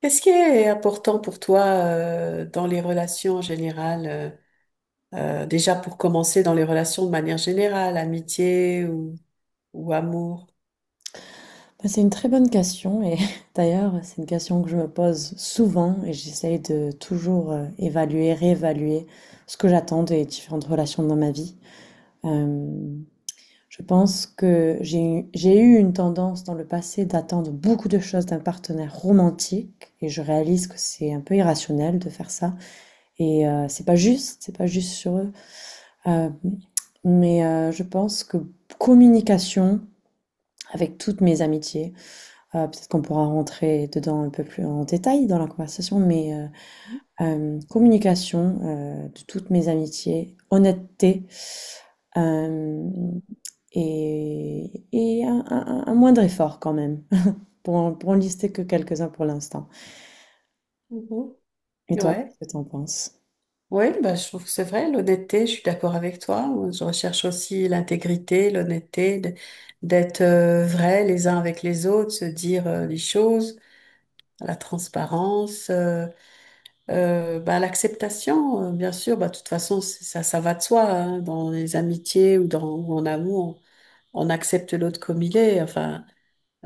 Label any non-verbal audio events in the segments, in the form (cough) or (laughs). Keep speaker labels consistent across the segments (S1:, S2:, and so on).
S1: Qu'est-ce qui est important pour toi dans les relations en général déjà pour commencer dans les relations de manière générale, amitié ou amour?
S2: Bah, c'est une très bonne question et (laughs) d'ailleurs c'est une question que je me pose souvent et j'essaye de toujours évaluer, réévaluer ce que j'attends des différentes relations dans ma vie. Euh, je pense que j'ai eu une tendance dans le passé d'attendre beaucoup de choses d'un partenaire romantique et je réalise que c'est un peu irrationnel de faire ça et c'est pas juste sur eux. Euh, je pense que communication avec toutes mes amitiés. Peut-être qu'on pourra rentrer dedans un peu plus en détail dans la conversation, mais communication de toutes mes amitiés, honnêteté euh, et, un moindre effort quand même, (laughs) pour, pour en lister que quelques-uns pour l'instant.
S1: Mhm.
S2: Et toi,
S1: Ouais,
S2: qu'est-ce que t'en penses?
S1: oui, bah, je trouve que c'est vrai, l'honnêteté, je suis d'accord avec toi. Je recherche aussi l'intégrité, l'honnêteté, d'être vrai les uns avec les autres, se dire les choses, la transparence. Bah, l'acceptation, bien sûr, bah, de toute façon, ça va de soi, hein, dans les amitiés ou dans ou en amour, on accepte l'autre comme il est. Enfin,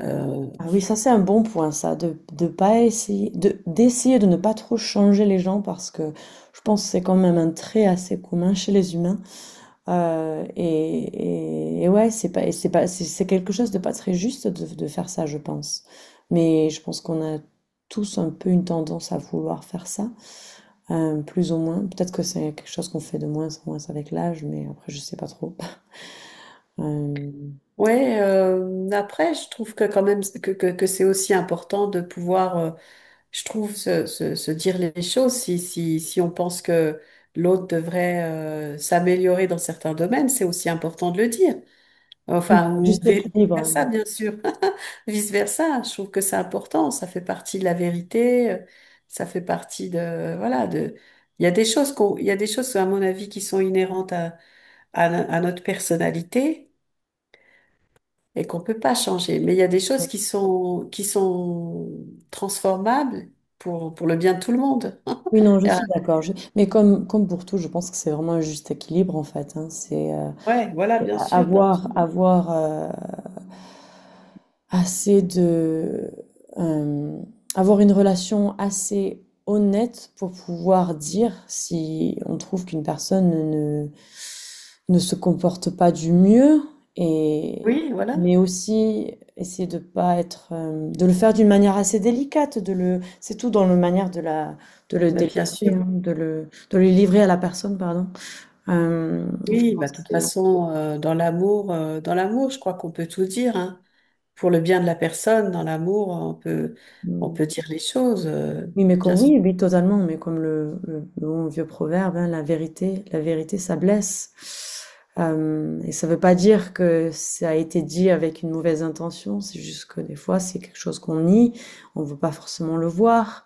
S1: euh,
S2: Ah oui, ça c'est un bon point, ça, de pas essayer, de, d'essayer de ne pas trop changer les gens parce que je pense que c'est quand même un trait assez commun chez les humains. Et, et ouais, c'est pas, c'est pas, c'est quelque chose de pas très juste de faire ça, je pense. Mais je pense qu'on a tous un peu une tendance à vouloir faire ça, plus ou moins. Peut-être que c'est quelque chose qu'on fait de moins en moins avec l'âge, mais après, je sais pas trop. (laughs) Euh,
S1: ouais. Après, je trouve que quand même que c'est aussi important de pouvoir, je trouve, se dire les choses. Si on pense que l'autre devrait s'améliorer dans certains domaines, c'est aussi important de le dire. Enfin, ou
S2: Juste équilibre,
S1: vice-versa,
S2: hein.
S1: bien sûr. (laughs) Vice-versa, je trouve que c'est important. Ça fait partie de la vérité. Ça fait partie de, voilà, de, il y a des choses, à mon avis, qui sont inhérentes à, à notre personnalité et qu'on peut pas changer. Mais il y a des choses qui sont transformables pour le bien de tout le monde.
S2: Oui, non,
S1: (laughs)
S2: je
S1: Et, euh,
S2: suis d'accord. Mais comme, comme pour tout, je pense que c'est vraiment un juste équilibre, en fait, hein. C'est,
S1: Ouais, voilà, bien sûr. Bien
S2: avoir
S1: sûr.
S2: avoir euh, assez de euh, avoir une relation assez honnête pour pouvoir dire si on trouve qu'une personne ne se comporte pas du mieux, et
S1: Oui, voilà.
S2: mais aussi essayer de pas être de le faire d'une manière assez délicate de le c'est tout dans la manière de la de le
S1: Mais bien
S2: délivrer
S1: sûr.
S2: hein, de le livrer à la personne, pardon. Euh, je
S1: Oui, bah,
S2: pense
S1: de
S2: que
S1: toute
S2: c'est
S1: façon, dans l'amour, je crois qu'on peut tout dire, hein. Pour le bien de la personne, dans l'amour, on
S2: hmm,
S1: peut dire les choses,
S2: oui, mais
S1: bien
S2: comme,
S1: sûr.
S2: oui, oui, totalement, mais comme le, le bon vieux proverbe, hein, la vérité, ça blesse. Et ça veut pas dire que ça a été dit avec une mauvaise intention, c'est juste que des fois, c'est quelque chose qu'on nie, on veut pas forcément le voir,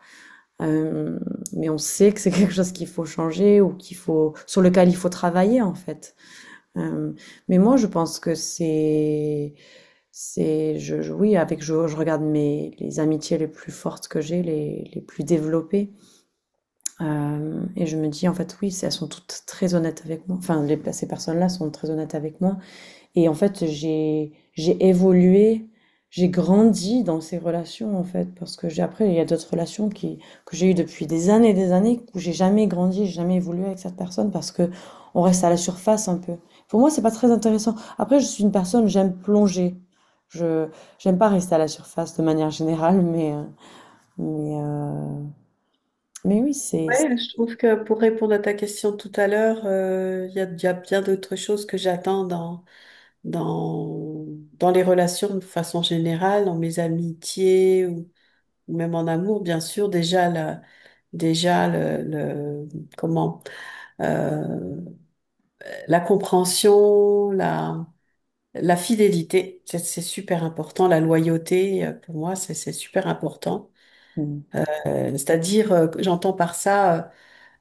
S2: euh, mais on sait que c'est (laughs) quelque chose qu'il faut changer ou qu'il faut, sur lequel il faut travailler, en fait. Euh, mais moi, je pense que c'est, je, oui, avec, je regarde mes, les amitiés les plus fortes que j'ai, les plus développées. Et je me dis, en fait, oui, elles sont toutes très honnêtes avec moi. Enfin, ces personnes-là sont très honnêtes avec moi. Et en fait, j'ai évolué, j'ai grandi dans ces relations, en fait. Parce que j'ai, après, il y a d'autres relations qui, que j'ai eues depuis des années et des années où j'ai jamais grandi, j'ai jamais évolué avec cette personne parce que on reste à la surface un peu. Pour moi, c'est pas très intéressant. Après, je suis une personne, j'aime plonger. Je, j'aime pas rester à la surface de manière générale, mais mais oui, c'est,
S1: Ouais, je trouve que pour répondre à ta question tout à l'heure, il y a bien d'autres choses que j'attends dans, dans les relations de façon générale, dans mes amitiés ou même en amour, bien sûr. Déjà, la, déjà le- comment, euh, la compréhension, la fidélité, c'est super important. La loyauté, pour moi, c'est super important. Euh, C'est-à-dire, que j'entends par ça,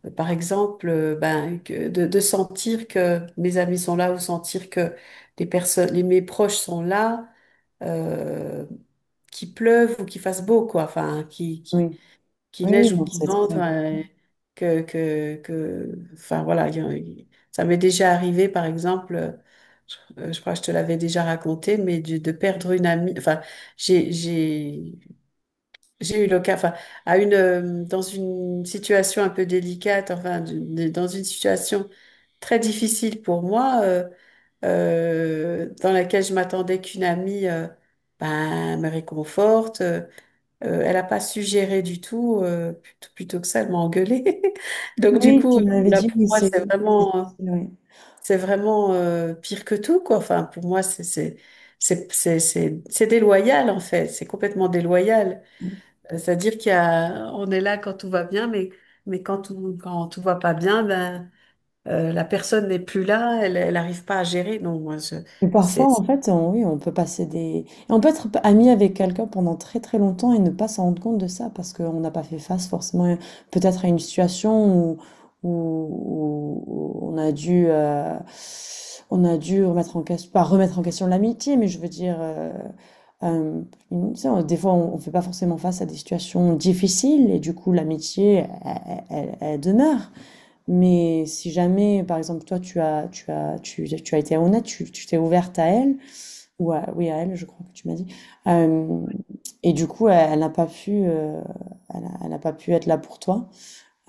S1: par exemple, ben, de sentir que mes amis sont là ou sentir que mes proches sont là, euh, qu'il pleuve ou qu'il fasse beau, quoi. Enfin,
S2: oui.
S1: qu'il
S2: Oui, oui,
S1: neige ou
S2: non,
S1: qu'il
S2: c'est très
S1: vente,
S2: important.
S1: enfin voilà, il y a- il- ça m'est déjà arrivé, par exemple, je crois que je te l'avais déjà raconté, mais de perdre une amie, enfin, j'ai, j'ai, j'ai eu l'occasion, enfin, dans une situation un peu délicate, enfin, dans une situation très difficile pour moi, dans laquelle je m'attendais qu'une amie ben, me réconforte. Elle n'a pas suggéré du tout, plutôt, que ça, elle m'a engueulée. (laughs) Donc du
S2: Oui, tu
S1: coup,
S2: m'avais
S1: là
S2: dit,
S1: pour
S2: oui,
S1: moi,
S2: c'est c'est difficile, oui.
S1: c'est vraiment pire que tout, quoi. Enfin, pour moi, c'est déloyal en fait. C'est complètement déloyal. C'est-à-dire qu'il y a, on est là quand tout va bien, mais quand tout va pas bien, ben la personne n'est plus là, elle n'arrive pas à gérer. Non, moi, je-
S2: Mais parfois,
S1: c'est
S2: en fait, on, oui, on peut passer des... On peut être ami avec quelqu'un pendant très très longtemps et ne pas s'en rendre compte de ça parce qu'on n'a pas fait face forcément peut-être à une situation où, où on a dû remettre en question, pas remettre en question l'amitié, mais je veux dire, euh, tu sais, des fois, on ne fait pas forcément face à des situations difficiles et du coup, l'amitié, elle elle demeure. Mais si jamais, par exemple, toi, tu as, tu as, tu as été honnête, tu t'es ouverte à elle, ou à, oui, à elle, je crois que tu m'as dit. Euh, et du coup, elle, elle n'a pas pu, elle n'a pas pu être là pour toi.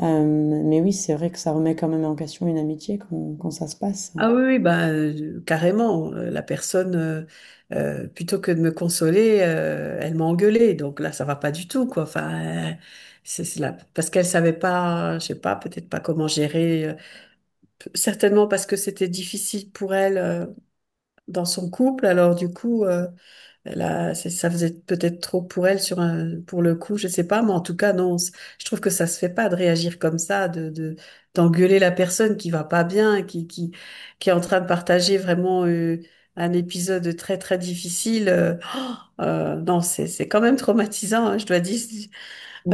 S2: Euh, mais oui, c'est vrai que ça remet quand même en question une amitié quand, quand ça se passe.
S1: Ah oui, oui, bah, carrément. La personne, plutôt que de me consoler, elle m'a engueulée. Donc là, ça va pas du tout, quoi. Enfin, c'est là parce qu'elle savait pas, je sais pas, peut-être pas comment gérer. Certainement parce que c'était difficile pour elle dans son couple. Alors du coup. Ça faisait peut-être trop pour elle sur un, pour le coup, je sais pas, mais en tout cas, non, c- je trouve que ça se fait pas de réagir comme ça, d'engueuler la personne qui va pas bien, qui est en train de partager vraiment un épisode très, très difficile. (gasps) Oh, non, c'est quand même traumatisant, hein, je dois dire.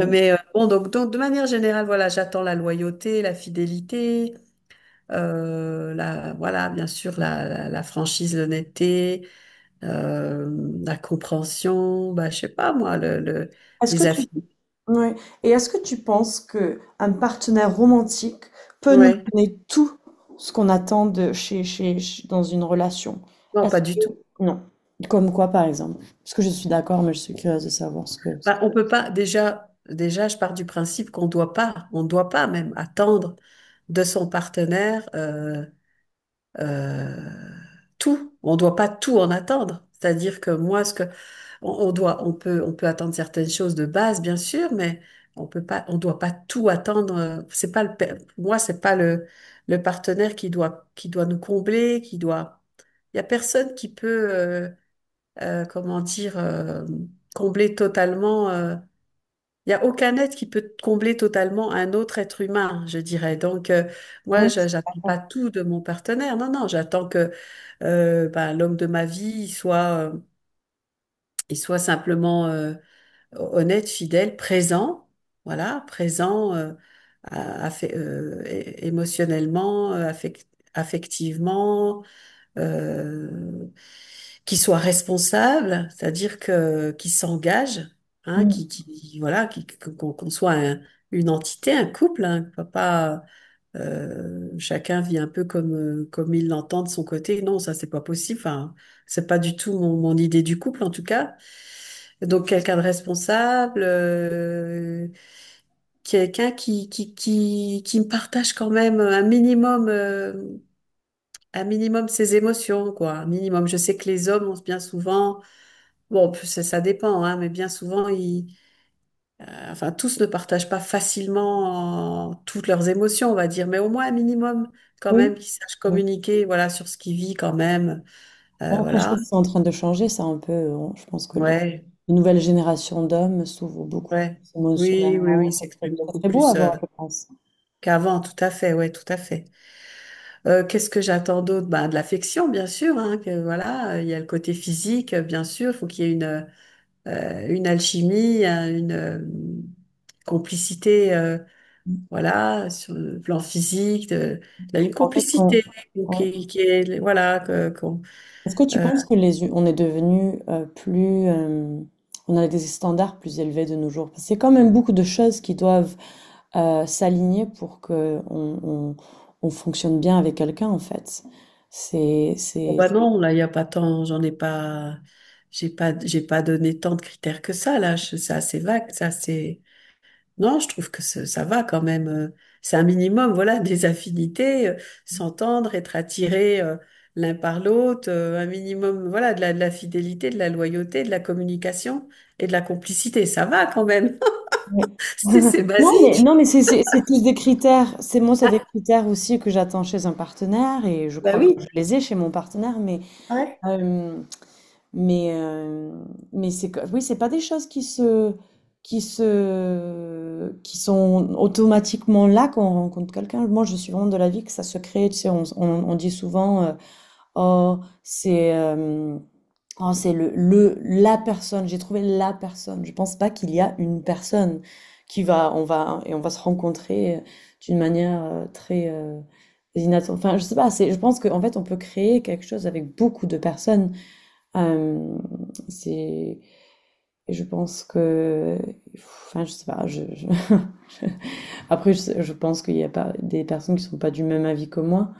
S1: Mais bon, donc, de manière générale, voilà, j'attends la loyauté, la fidélité, voilà, bien sûr, la franchise, l'honnêteté, euh, la compréhension, bah, je sais pas moi,
S2: Est-ce que
S1: les
S2: tu
S1: affinités.
S2: ouais. Et est-ce que tu penses que un partenaire romantique peut nous
S1: Ouais,
S2: donner tout ce qu'on attend de dans une relation?
S1: non,
S2: Est-ce
S1: pas du tout.
S2: que non? Comme quoi, par exemple? Parce que je suis d'accord, mais je suis curieuse de savoir ce que.
S1: Bah, on peut pas, déjà, je pars du principe qu'on doit pas, on doit pas même attendre de son partenaire euh, tout. On doit pas tout en attendre. C'est-à-dire que moi, ce que on, on peut attendre certaines choses de base, bien sûr, mais on peut pas, on doit pas tout attendre. C'est pas pour moi, c'est pas le, le partenaire qui doit, nous combler, qui doit. Il y a personne qui peut, comment dire, combler totalement. Il y a aucun être qui peut combler totalement un autre être humain, je dirais. Donc,
S2: Ouais, je suis
S1: j'attends pas
S2: d'accord.
S1: tout de mon partenaire. Non, non, j'attends que ben, l'homme de ma vie il soit simplement honnête, fidèle, présent. Voilà, présent émotionnellement, affectivement, euh, qui soient responsables, c'est-à-dire que qui s'engagent, hein,
S2: Mm.
S1: qui voilà, qui, qu'on une entité, un couple, hein, pas pas, chacun vit un peu comme comme il l'entend de son côté. Non, ça c'est pas possible. Enfin, c'est pas du tout mon idée du couple en tout cas. Donc quelqu'un de responsable, quelqu'un qui me partage quand même un minimum. Un minimum ses émotions, quoi. Un minimum. Je sais que les hommes ont bien souvent, bon, ça dépend, hein, mais bien souvent, enfin, tous ne partagent pas facilement toutes leurs émotions, on va dire, mais au moins un minimum, quand même,
S2: Oui.
S1: qu'ils sachent
S2: Oui.
S1: communiquer, voilà, sur ce qu'ils vivent quand même.
S2: Bon, après, je
S1: Voilà.
S2: pense que c'est en train de changer, ça un peu. Je pense que
S1: Ouais,
S2: les nouvelles générations d'hommes s'ouvrent beaucoup plus
S1: ouais. Oui, oui, oui,
S2: émotionnellement.
S1: ils s'expriment
S2: C'est
S1: beaucoup
S2: très beau à
S1: plus
S2: voir, je pense.
S1: qu'avant, tout à fait, ouais, tout à fait. Qu'est-ce que j'attends d'autre? Ben, de l'affection, bien sûr, hein, que voilà, il y a le côté physique, bien sûr, il faut qu'il y ait une alchimie, un- une complicité, voilà, sur le plan physique, une
S2: En fait, quand,
S1: complicité qui est, voilà,
S2: est-ce que tu penses que les, on est devenu plus, on a des standards plus élevés de nos jours? Parce que c'est quand même beaucoup de choses qui doivent s'aligner pour que on, on fonctionne bien avec quelqu'un en fait. C'est,
S1: bon,
S2: c'est.
S1: bah non, là, il n'y a pas tant, j'en ai pas, j'ai pas, j'ai pas donné tant de critères que ça, c'est assez vague, ça, non, je trouve que ça va quand même. C'est un minimum, voilà, (laughs) des affinités, s'entendre, être attiré l'un par l'autre, un minimum, voilà, de la fidélité, de la loyauté, de la communication et de la complicité. Ça va quand même.
S2: Ouais.
S1: (laughs)
S2: (laughs)
S1: C'est
S2: Non mais
S1: basique.
S2: non mais c'est c'est tous des critères. C'est moi c'est des critères aussi que j'attends chez un partenaire et je
S1: Bah
S2: crois que je
S1: oui.
S2: les ai chez mon partenaire. Mais
S1: Ouais.
S2: euh, Mais, euh, mais c'est, oui, c'est pas des choses qui se, qui se, qui sont automatiquement là quand on rencontre quelqu'un. Moi, je suis vraiment de l'avis que ça se crée. Tu sais, on dit souvent, oh, c'est, euh, oh, c'est le, la personne. J'ai trouvé la personne. Je pense pas qu'il y a une personne qui va, on va, et on va se rencontrer d'une manière très, inattendue. Enfin, je sais pas. C'est, je pense qu'en fait, on peut créer quelque chose avec beaucoup de personnes. Euh, c'est, je pense que, enfin, je sais pas. Je, (laughs) Après, je pense qu'il y a pas des personnes qui sont pas du même avis que moi.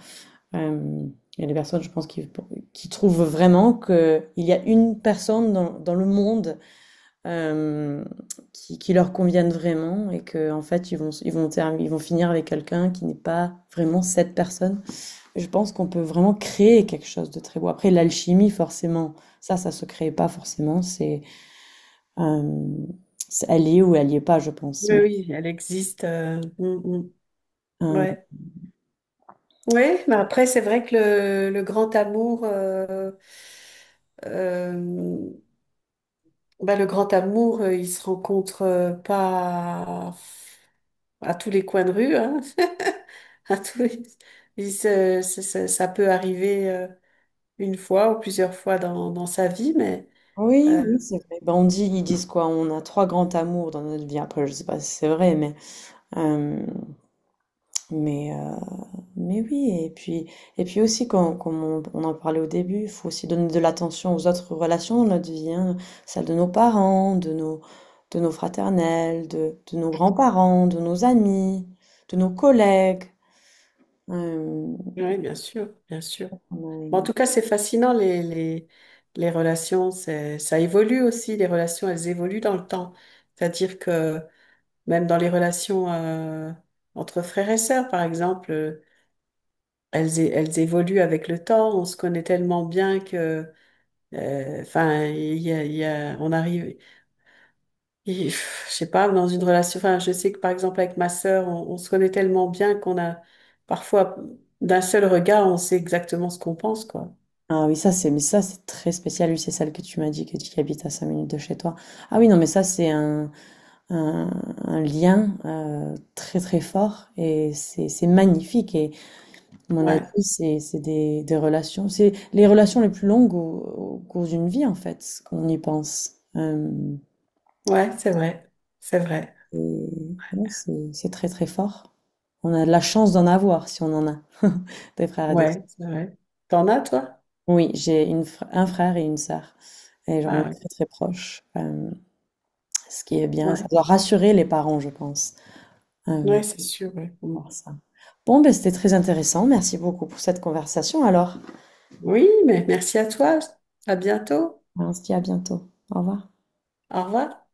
S2: Euh, il y a des personnes, je pense, qui trouvent vraiment que il y a une personne dans, dans le monde euh, qui leur convienne vraiment et que en fait, ils vont, ils vont, ils vont finir avec quelqu'un qui n'est pas vraiment cette personne. Je pense qu'on peut vraiment créer quelque chose de très beau. Après, l'alchimie, forcément, ça se crée pas forcément. Euh, c'est- elle y est ou elle y est pas, je pense.
S1: Oui,
S2: Mais,
S1: oui, elle existe. Mm, mm,
S2: euh,
S1: ouais. Ouais, mais après, c'est vrai que le grand amour, euh, le grand amour, il se rencontre pas à tous les coins de rue, hein. (laughs) À tous les- il se- se- se- Ça peut arriver une fois ou plusieurs fois dans sa vie, mais
S2: oui,
S1: euh,
S2: oui, c'est vrai. Ben, on dit, ils disent quoi? On a 3 grands amours dans notre vie. Après, je sais pas si c'est vrai, euh, Mais mais oui, et puis aussi, comme, comme on en parlait au début, il faut aussi donner de l'attention aux autres relations de notre vie, hein, celle de nos parents, de nos fraternels, de nos grands-parents, de nos amis, de nos collègues. Euh,
S1: oui, bien sûr, bien sûr.
S2: on a
S1: Bon, en
S2: une-
S1: tout cas, c'est fascinant, les relations, ça évolue aussi, les relations, elles évoluent dans le temps. C'est-à-dire que même dans les relations entre frères et sœurs, par exemple, elles évoluent avec le temps, on se connaît tellement bien que... Enfin, on arrive. Et, pff, je sais pas, dans une relation, enfin, je sais que par exemple avec ma sœur, on se connaît tellement bien qu'on a parfois d'un seul regard, on sait exactement ce qu'on pense, quoi.
S2: ah oui, ça c'est mais ça c'est très spécial, lui c'est celle que tu m'as dit que tu habites à 5 minutes de chez toi. Ah oui, non mais ça c'est un, un lien très très fort et c'est magnifique. Mon avis,
S1: Ouais,
S2: c'est des relations. C'est les relations les plus longues au, au cours d'une vie, en fait, quand on y pense.
S1: ouais, c'est vrai,
S2: Et ouais, c'est très, très fort. On a de la chance d'en avoir, si on en a, (laughs) des frères et des sœurs.
S1: ouais, c'est vrai. T'en as, toi?
S2: Oui, j'ai une, un frère et une sœur. Et genre, on est
S1: Ah, ouais,
S2: très, très proches. Ce qui est bien. Ça
S1: ouais,
S2: doit rassurer les parents, je pense. Euh,
S1: ouais, c'est sûr. Ouais. Mm.
S2: Par ça. Bon, ben, c'était très intéressant. Merci beaucoup pour cette conversation. Alors,
S1: Oui, mais merci à toi. À bientôt.
S2: hein, on se dit à bientôt. Au revoir.
S1: Au revoir.